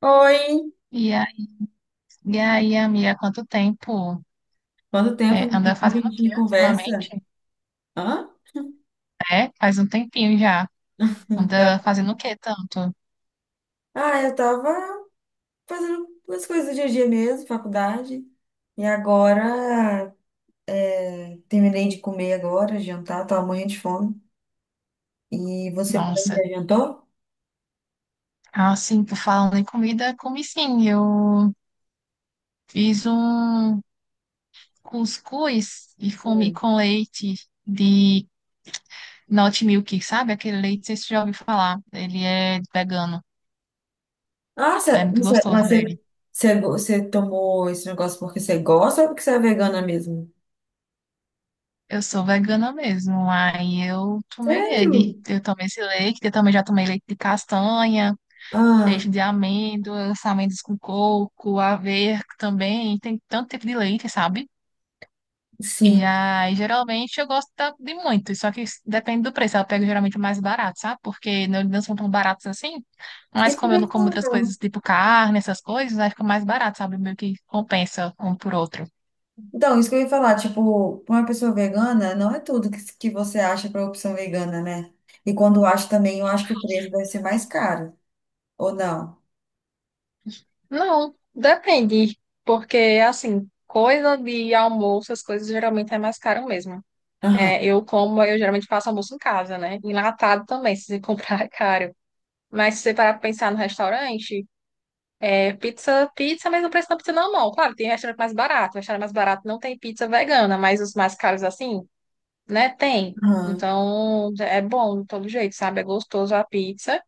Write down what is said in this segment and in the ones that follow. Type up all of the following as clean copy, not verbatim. Oi, E aí, e aí, amiga, quanto tempo quanto tempo, é, não tem anda como a fazendo o gente quê conversa? ultimamente? Hã? É, faz um tempinho já. Então, Anda fazendo o quê tanto? ah, eu tava fazendo as coisas do dia a dia mesmo, faculdade, e agora terminei de comer agora, jantar, tava morrendo de fome. E você Nossa, já jantou? assim, por falando em comida, comi sim. Eu fiz um cuscuz e comi Hum. com leite de Not Milk, sabe? Aquele leite, vocês já ouviram falar. Ele é vegano. É muito Você, mas gostoso você, ele. você, você tomou esse negócio porque você gosta ou porque você é vegana mesmo? Eu sou vegana mesmo, aí eu tomei ele. Sério? Eu tomei esse leite, eu também já tomei leite de castanha. Ah, Leite de amêndoas, amêndoas com coco, aveia também, tem tanto tipo de leite, sabe? E sim. aí, geralmente, eu gosto de muito, só que depende do preço. Eu pego geralmente o mais barato, sabe? Porque não são tão baratos assim, E mas tu como eu é não como outras vegana? coisas, tipo carne, essas coisas, aí fica mais barato, sabe? Meio que compensa um por outro. Então, isso que eu ia falar, tipo, pra uma pessoa vegana, não é tudo que você acha para opção vegana, né? E quando acha também, eu acho que o preço deve ser mais caro, ou não? Não, depende, porque assim, coisa de almoço, as coisas geralmente é mais caro mesmo. Aham, É, eu geralmente faço almoço em casa, né? Enlatado também, se você comprar é caro. Mas se você parar pra pensar no restaurante, é pizza, pizza, mas o preço da pizza normal. Claro, tem restaurante mais barato. Restaurante mais barato não tem pizza vegana, mas os mais caros assim, né? Tem. aham, Então, é bom de todo jeito, sabe? É gostoso a pizza,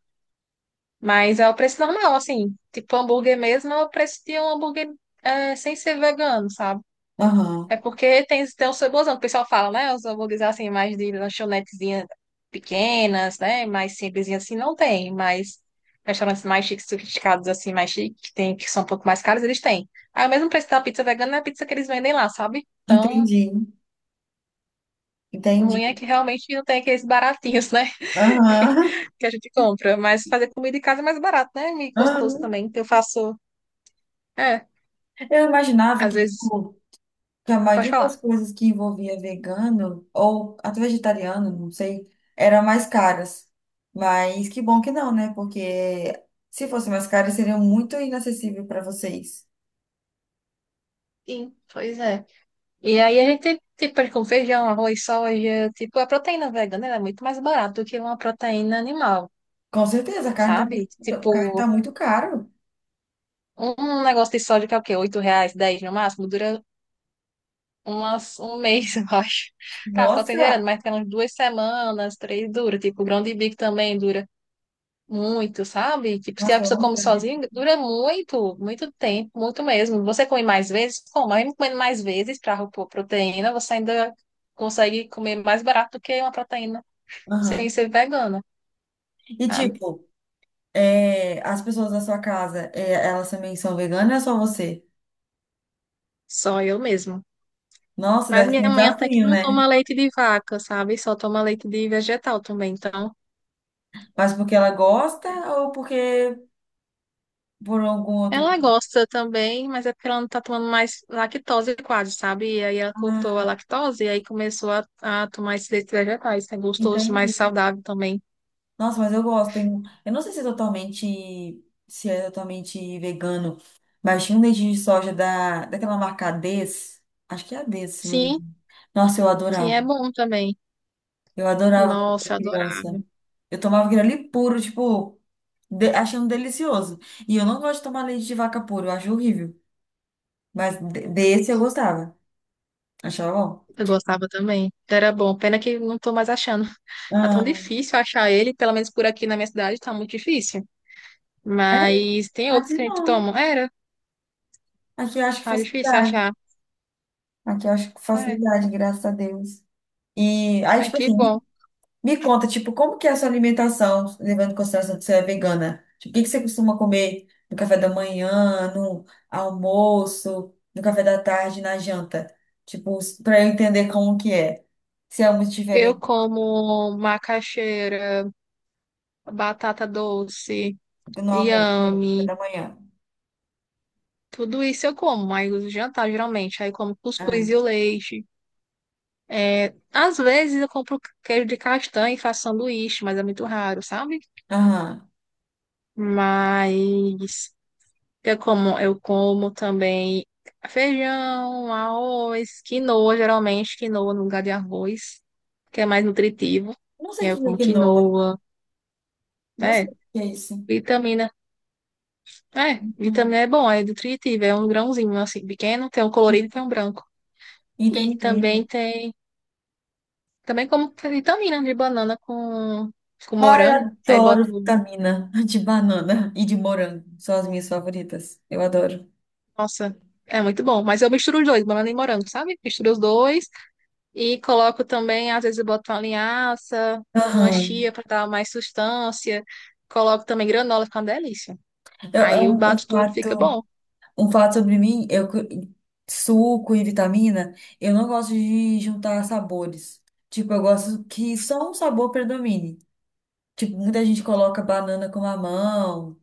mas é o preço normal, assim. Tipo, hambúrguer mesmo é o preço de um hambúrguer é, sem ser vegano, sabe? aham. É porque tem os saborzão, que o pessoal fala, né? Os hambúrgueres assim, mais de lanchonetezinhas pequenas, né? Mais simplesinhas assim, não tem, mas restaurantes mais chiques, sofisticados, assim, mais chiques, que tem, que são um pouco mais caros, eles têm. Aí o mesmo preço da pizza vegana é a pizza que eles vendem lá, sabe? Então, Entendi, o entendi. ruim é que realmente não tem aqueles baratinhos, né? Aham, Que a gente compra. Mas fazer comida em casa é mais barato, né? E gostoso aham. também. Então eu faço. É, Eu imaginava às que, vezes. tipo, que a Pode maioria falar. das coisas que envolvia vegano, ou até vegetariano, não sei, eram mais caras. Mas que bom que não, né? Porque se fosse mais caro, seria muito inacessível para vocês. Sim, pois é. E aí a gente, tipo, com feijão, arroz, soja, tipo, a proteína vegana ela é muito mais barata do que uma proteína animal, Com certeza, a sabe? Carne tá Tipo, muito caro. um negócio de soja que é o quê? R$ 8, 10 no máximo, dura umas, 1 mês, eu acho. Tá, pode ser Nossa, gerando, mas tem umas 2 semanas, três dura. Tipo, o grão de bico também dura muito, sabe? Tipo, se a nossa, eu pessoa amo come grande. sozinha, dura muito, muito tempo, muito mesmo. Você come mais vezes? Como? Mesmo comendo mais vezes para proteína, você ainda consegue comer mais barato do que uma proteína sem Aham. ser vegana, E sabe? tipo, é, as pessoas da sua casa, é, elas também são veganas ou é só você? Só eu mesma. Nossa, Mas deve ser um minha mãe até que desafio, não né? toma leite de vaca, sabe? Só toma leite de vegetal também. Então, Mas porque ela gosta ou porque por algum outro. ela gosta também, mas é porque ela não tá tomando mais lactose quase, sabe? E aí ela cortou a Ah, lactose e aí começou a tomar esses leites vegetais. É gostoso, mais entendi. saudável também. Nossa, mas eu gosto. Tem... Eu não sei se é totalmente, se é totalmente vegano, mas tinha um leite de soja daquela marca Ades. Acho que é Ades, se não me Sim, engano. Nossa, eu sim, adorava. é bom também. Eu adorava quando eu Nossa, era eu adorava. criança. Eu tomava aquele ali puro, tipo, achando delicioso. E eu não gosto de tomar leite de vaca puro, eu acho horrível. Mas desse eu gostava. Achava bom. Eu gostava também. Era bom. Pena que não tô mais achando. Tá tão Ah, difícil achar ele, pelo menos por aqui na minha cidade, tá muito difícil. é? Mas tem outros Aqui que a gente não. toma. Era. Aqui eu acho que Ah, difícil facilidade. achar. Aqui eu acho que É. facilidade, graças a Deus. E aí, Ai, tipo que assim, bom. me conta, tipo, como que é a sua alimentação, levando em consideração que você é vegana? Tipo, o que que você costuma comer no café da manhã, no almoço, no café da tarde, na janta? Tipo, para eu entender como que é. Se é muito Eu diferente como macaxeira, batata doce, do no almoço, no café inhame. da manhã. Tudo isso eu como, mas o jantar geralmente. Aí eu como Ah, cuscuz e o leite. É, às vezes eu compro queijo de castanha e faço sanduíche, mas é muito raro, sabe? aham. Mas eu como, eu como também feijão, arroz, quinoa, geralmente quinoa no lugar de arroz, que é mais nutritivo. Não E sei o aí eu que é como quinoa. quinoa, Não sei é, o que é isso. vitamina. É, Aham. vitamina é bom, é nutritivo, é um grãozinho assim, pequeno, tem um colorido e tem um branco. E Entendi. Também como vitamina de banana com Ai, morango, aí adoro boto, vitamina de banana e de morango. São as minhas favoritas. Eu adoro. nossa, é muito bom. Mas eu misturo os dois, banana e morango, sabe? Misturo os dois. E coloco também, às vezes eu boto uma linhaça, uma Aham. chia para dar mais sustância. Coloco também granola, fica uma delícia. É, é Aí eu um, um bato tudo, fica prato. bom. Um fato sobre mim, suco e vitamina, eu não gosto de juntar sabores. Tipo, eu gosto que só um sabor predomine. Tipo, muita gente coloca banana com mamão.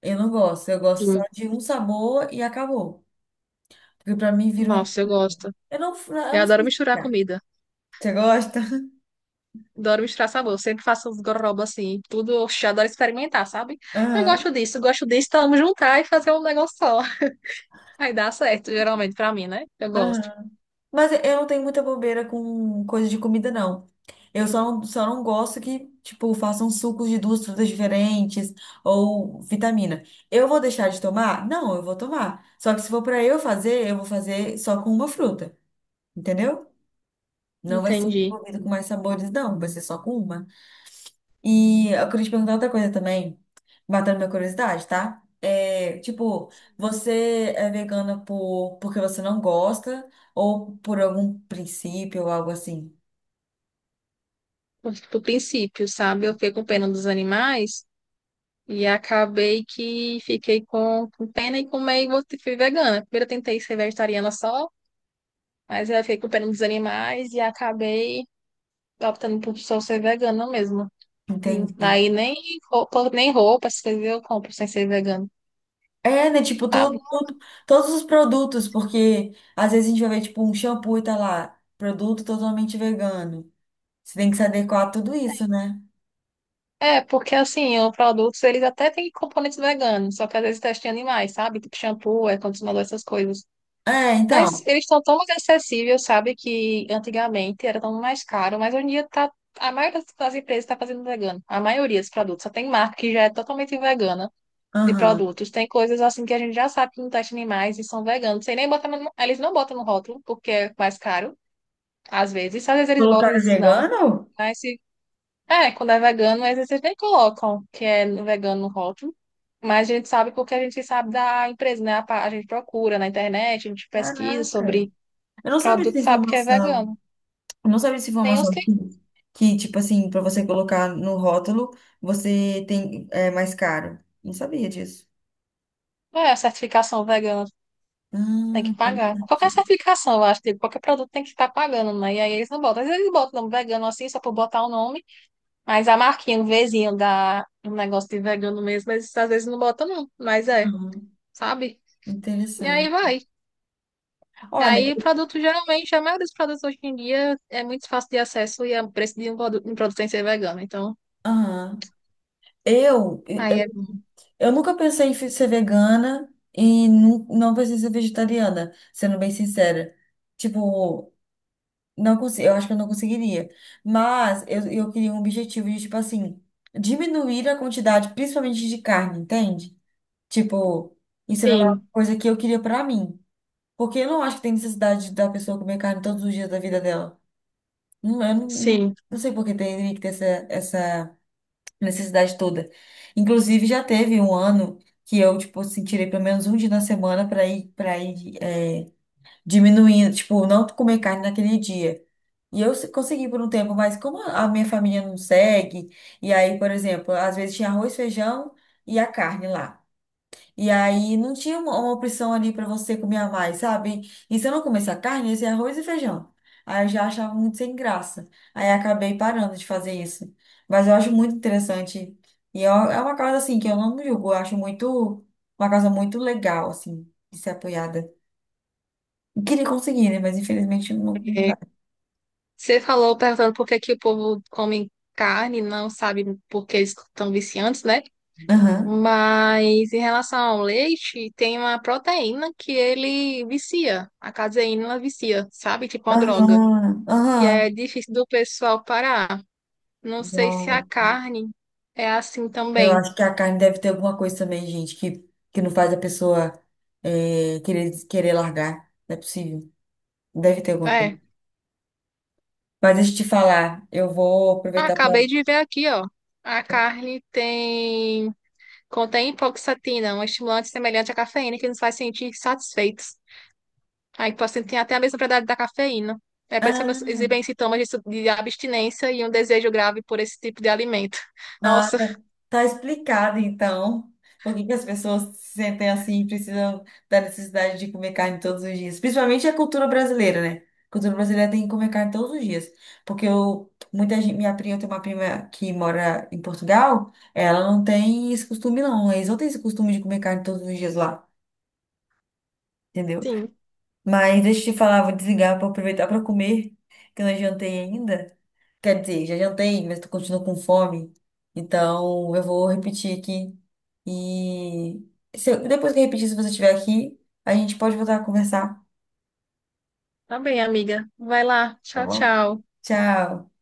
Eu não gosto. Eu gosto só Sim. de um sabor e acabou. Porque pra mim vira uma. Nossa, eu gosto. Eu Eu não adoro sei misturar explicar. comida. Você gosta? Adoro misturar sabor. Eu sempre faço uns gororoba assim, tudo. Oxe, eu adoro experimentar, sabe? Eu Aham, gosto disso, eu gosto disso. Então, vamos juntar e fazer um negócio só. Aí dá certo, geralmente, pra mim, né? Eu gosto. aham. Mas eu não tenho muita bobeira com coisa de comida, não. Eu só não gosto que, tipo, façam sucos de duas frutas diferentes ou vitamina. Eu vou deixar de tomar? Não, eu vou tomar. Só que se for pra eu fazer, eu vou fazer só com uma fruta, entendeu? Não vai ser Entendi. envolvido com mais sabores, não. Vai ser só com uma. E eu queria te perguntar outra coisa também, matando minha curiosidade, tá? É, tipo, você é vegana porque você não gosta ou por algum princípio ou algo assim? Do princípio, sabe? Eu fico com pena dos animais. E acabei que fiquei com pena e com meio que fui vegana. Primeiro eu tentei ser vegetariana só, mas eu fiquei com pena dos animais e acabei optando por só ser vegana mesmo. Entendi. Aí nem nem roupa, essas coisas eu compro sem ser vegano, É, né? Tipo, sabe? Todos os produtos, porque às vezes a gente vai ver, tipo, um shampoo e tá lá, produto totalmente vegano. Você tem que se adequar a tudo isso, né? É, porque assim, os produtos eles até têm componentes veganos, só que às vezes testem animais, sabe? Tipo shampoo, é condicionador, essas coisas. É, Mas então. eles estão tão mais acessíveis, sabe? Que antigamente era tão mais caro, mas hoje em dia tá, a maioria das empresas está fazendo vegano. A maioria dos produtos. Só tem marca que já é totalmente vegana de Aham. produtos. Tem coisas assim que a gente já sabe que não testa animais e são veganos. Sem nem botar eles não botam no rótulo, porque é mais caro, às vezes. Às vezes eles botam, às Colocaram vezes não. vegano? Mas se, é, quando é vegano, às vezes eles nem colocam que é vegano no rótulo. Mas a gente sabe porque a gente sabe da empresa, né? A, a gente procura na internet, a gente pesquisa Caraca. sobre Eu não sabia dessa produto, sabe que é informação. vegano. Eu não sabia dessa Tem os informação que que tipo assim, pra você colocar no rótulo, você tem, é mais caro. Não sabia disso. é a certificação vegana, tem Ah, que pagar. Qualquer interessante. certificação, eu acho, tipo, qualquer produto tem que estar pagando, né? E aí eles não botam. Às vezes eles botam o nome vegano assim, só por botar o nome, mas a marquinha, o Vzinho da um negócio de vegano mesmo, eles às vezes não botam, não. Mas é, Aham, sabe? E interessante. aí vai. E Olha, aí o produto, geralmente, a maioria dos produtos hoje em dia é muito fácil de acesso e é o preço de um produto sem ser vegano. Então, aham. Eu, eu, aí é. eu nunca pensei em ser vegana e não pensei em ser vegetariana, sendo bem sincera. Tipo, não consigo, eu acho que eu não conseguiria. Mas eu queria um objetivo de, tipo assim, diminuir a quantidade, principalmente de carne, entende? Tipo, isso era uma Sim, coisa que eu queria pra mim. Porque eu não acho que tem necessidade da pessoa comer carne todos os dias da vida dela. Não, eu não, sim. não sei por que teria que ter essa, essa necessidade toda. Inclusive, já teve um ano que eu, tipo, assim, tirei pelo menos um dia na semana para ir, é, diminuindo, tipo, não comer carne naquele dia. E eu consegui por um tempo, mas como a minha família não segue, e aí, por exemplo, às vezes tinha arroz, feijão e a carne lá. E aí não tinha uma opção ali para você comer a mais, sabe? E se eu não comesse a carne, ia ser arroz e feijão. Aí eu já achava muito sem graça. Aí acabei parando de fazer isso. Mas eu acho muito interessante. E é uma causa assim que eu não julgo, eu acho muito uma causa muito legal assim de ser apoiada. Eu queria conseguir, né? Mas infelizmente não dá. Você falou perguntando por que que o povo come carne, não sabe por que eles estão viciantes, né? Aham. Mas em relação ao leite, tem uma proteína que ele vicia. A caseína ela vicia, sabe? Tipo uma droga. Aham. E aí é Aham. difícil do pessoal parar. Não sei se a Não, carne é assim eu também. acho que a carne deve ter alguma coisa também, gente, que não faz a pessoa eh, querer largar. Não é possível. Deve ter alguma coisa. É. Mas deixa eu te falar, eu vou Ah, aproveitar acabei de ver aqui, ó. A carne tem contém hipoxatina, um estimulante semelhante à cafeína que nos faz sentir satisfeitos. Aí o paciente tem até a mesma propriedade da cafeína. É por isso que elas para. exibem sintomas de, de abstinência e um desejo grave por esse tipo de alimento. Ah, Nossa, tá, tá explicado então por que que as pessoas se sentem assim e precisam da necessidade de comer carne todos os dias. Principalmente a cultura brasileira, né? A cultura brasileira tem que comer carne todos os dias. Porque eu, muita gente, minha prima, eu tenho uma prima que mora em Portugal, ela não tem esse costume não. Eles não têm esse costume de comer carne todos os dias lá, entendeu? sim. Mas deixa eu te falar, vou desligar para aproveitar para comer, que eu não jantei ainda. Quer dizer, já jantei, mas tu continua com fome. Então, eu vou repetir aqui. E se eu- depois que eu repetir, se você estiver aqui, a gente pode voltar a conversar. Tá bem, amiga. Vai lá. Tá Tchau, bom? tchau. Tchau.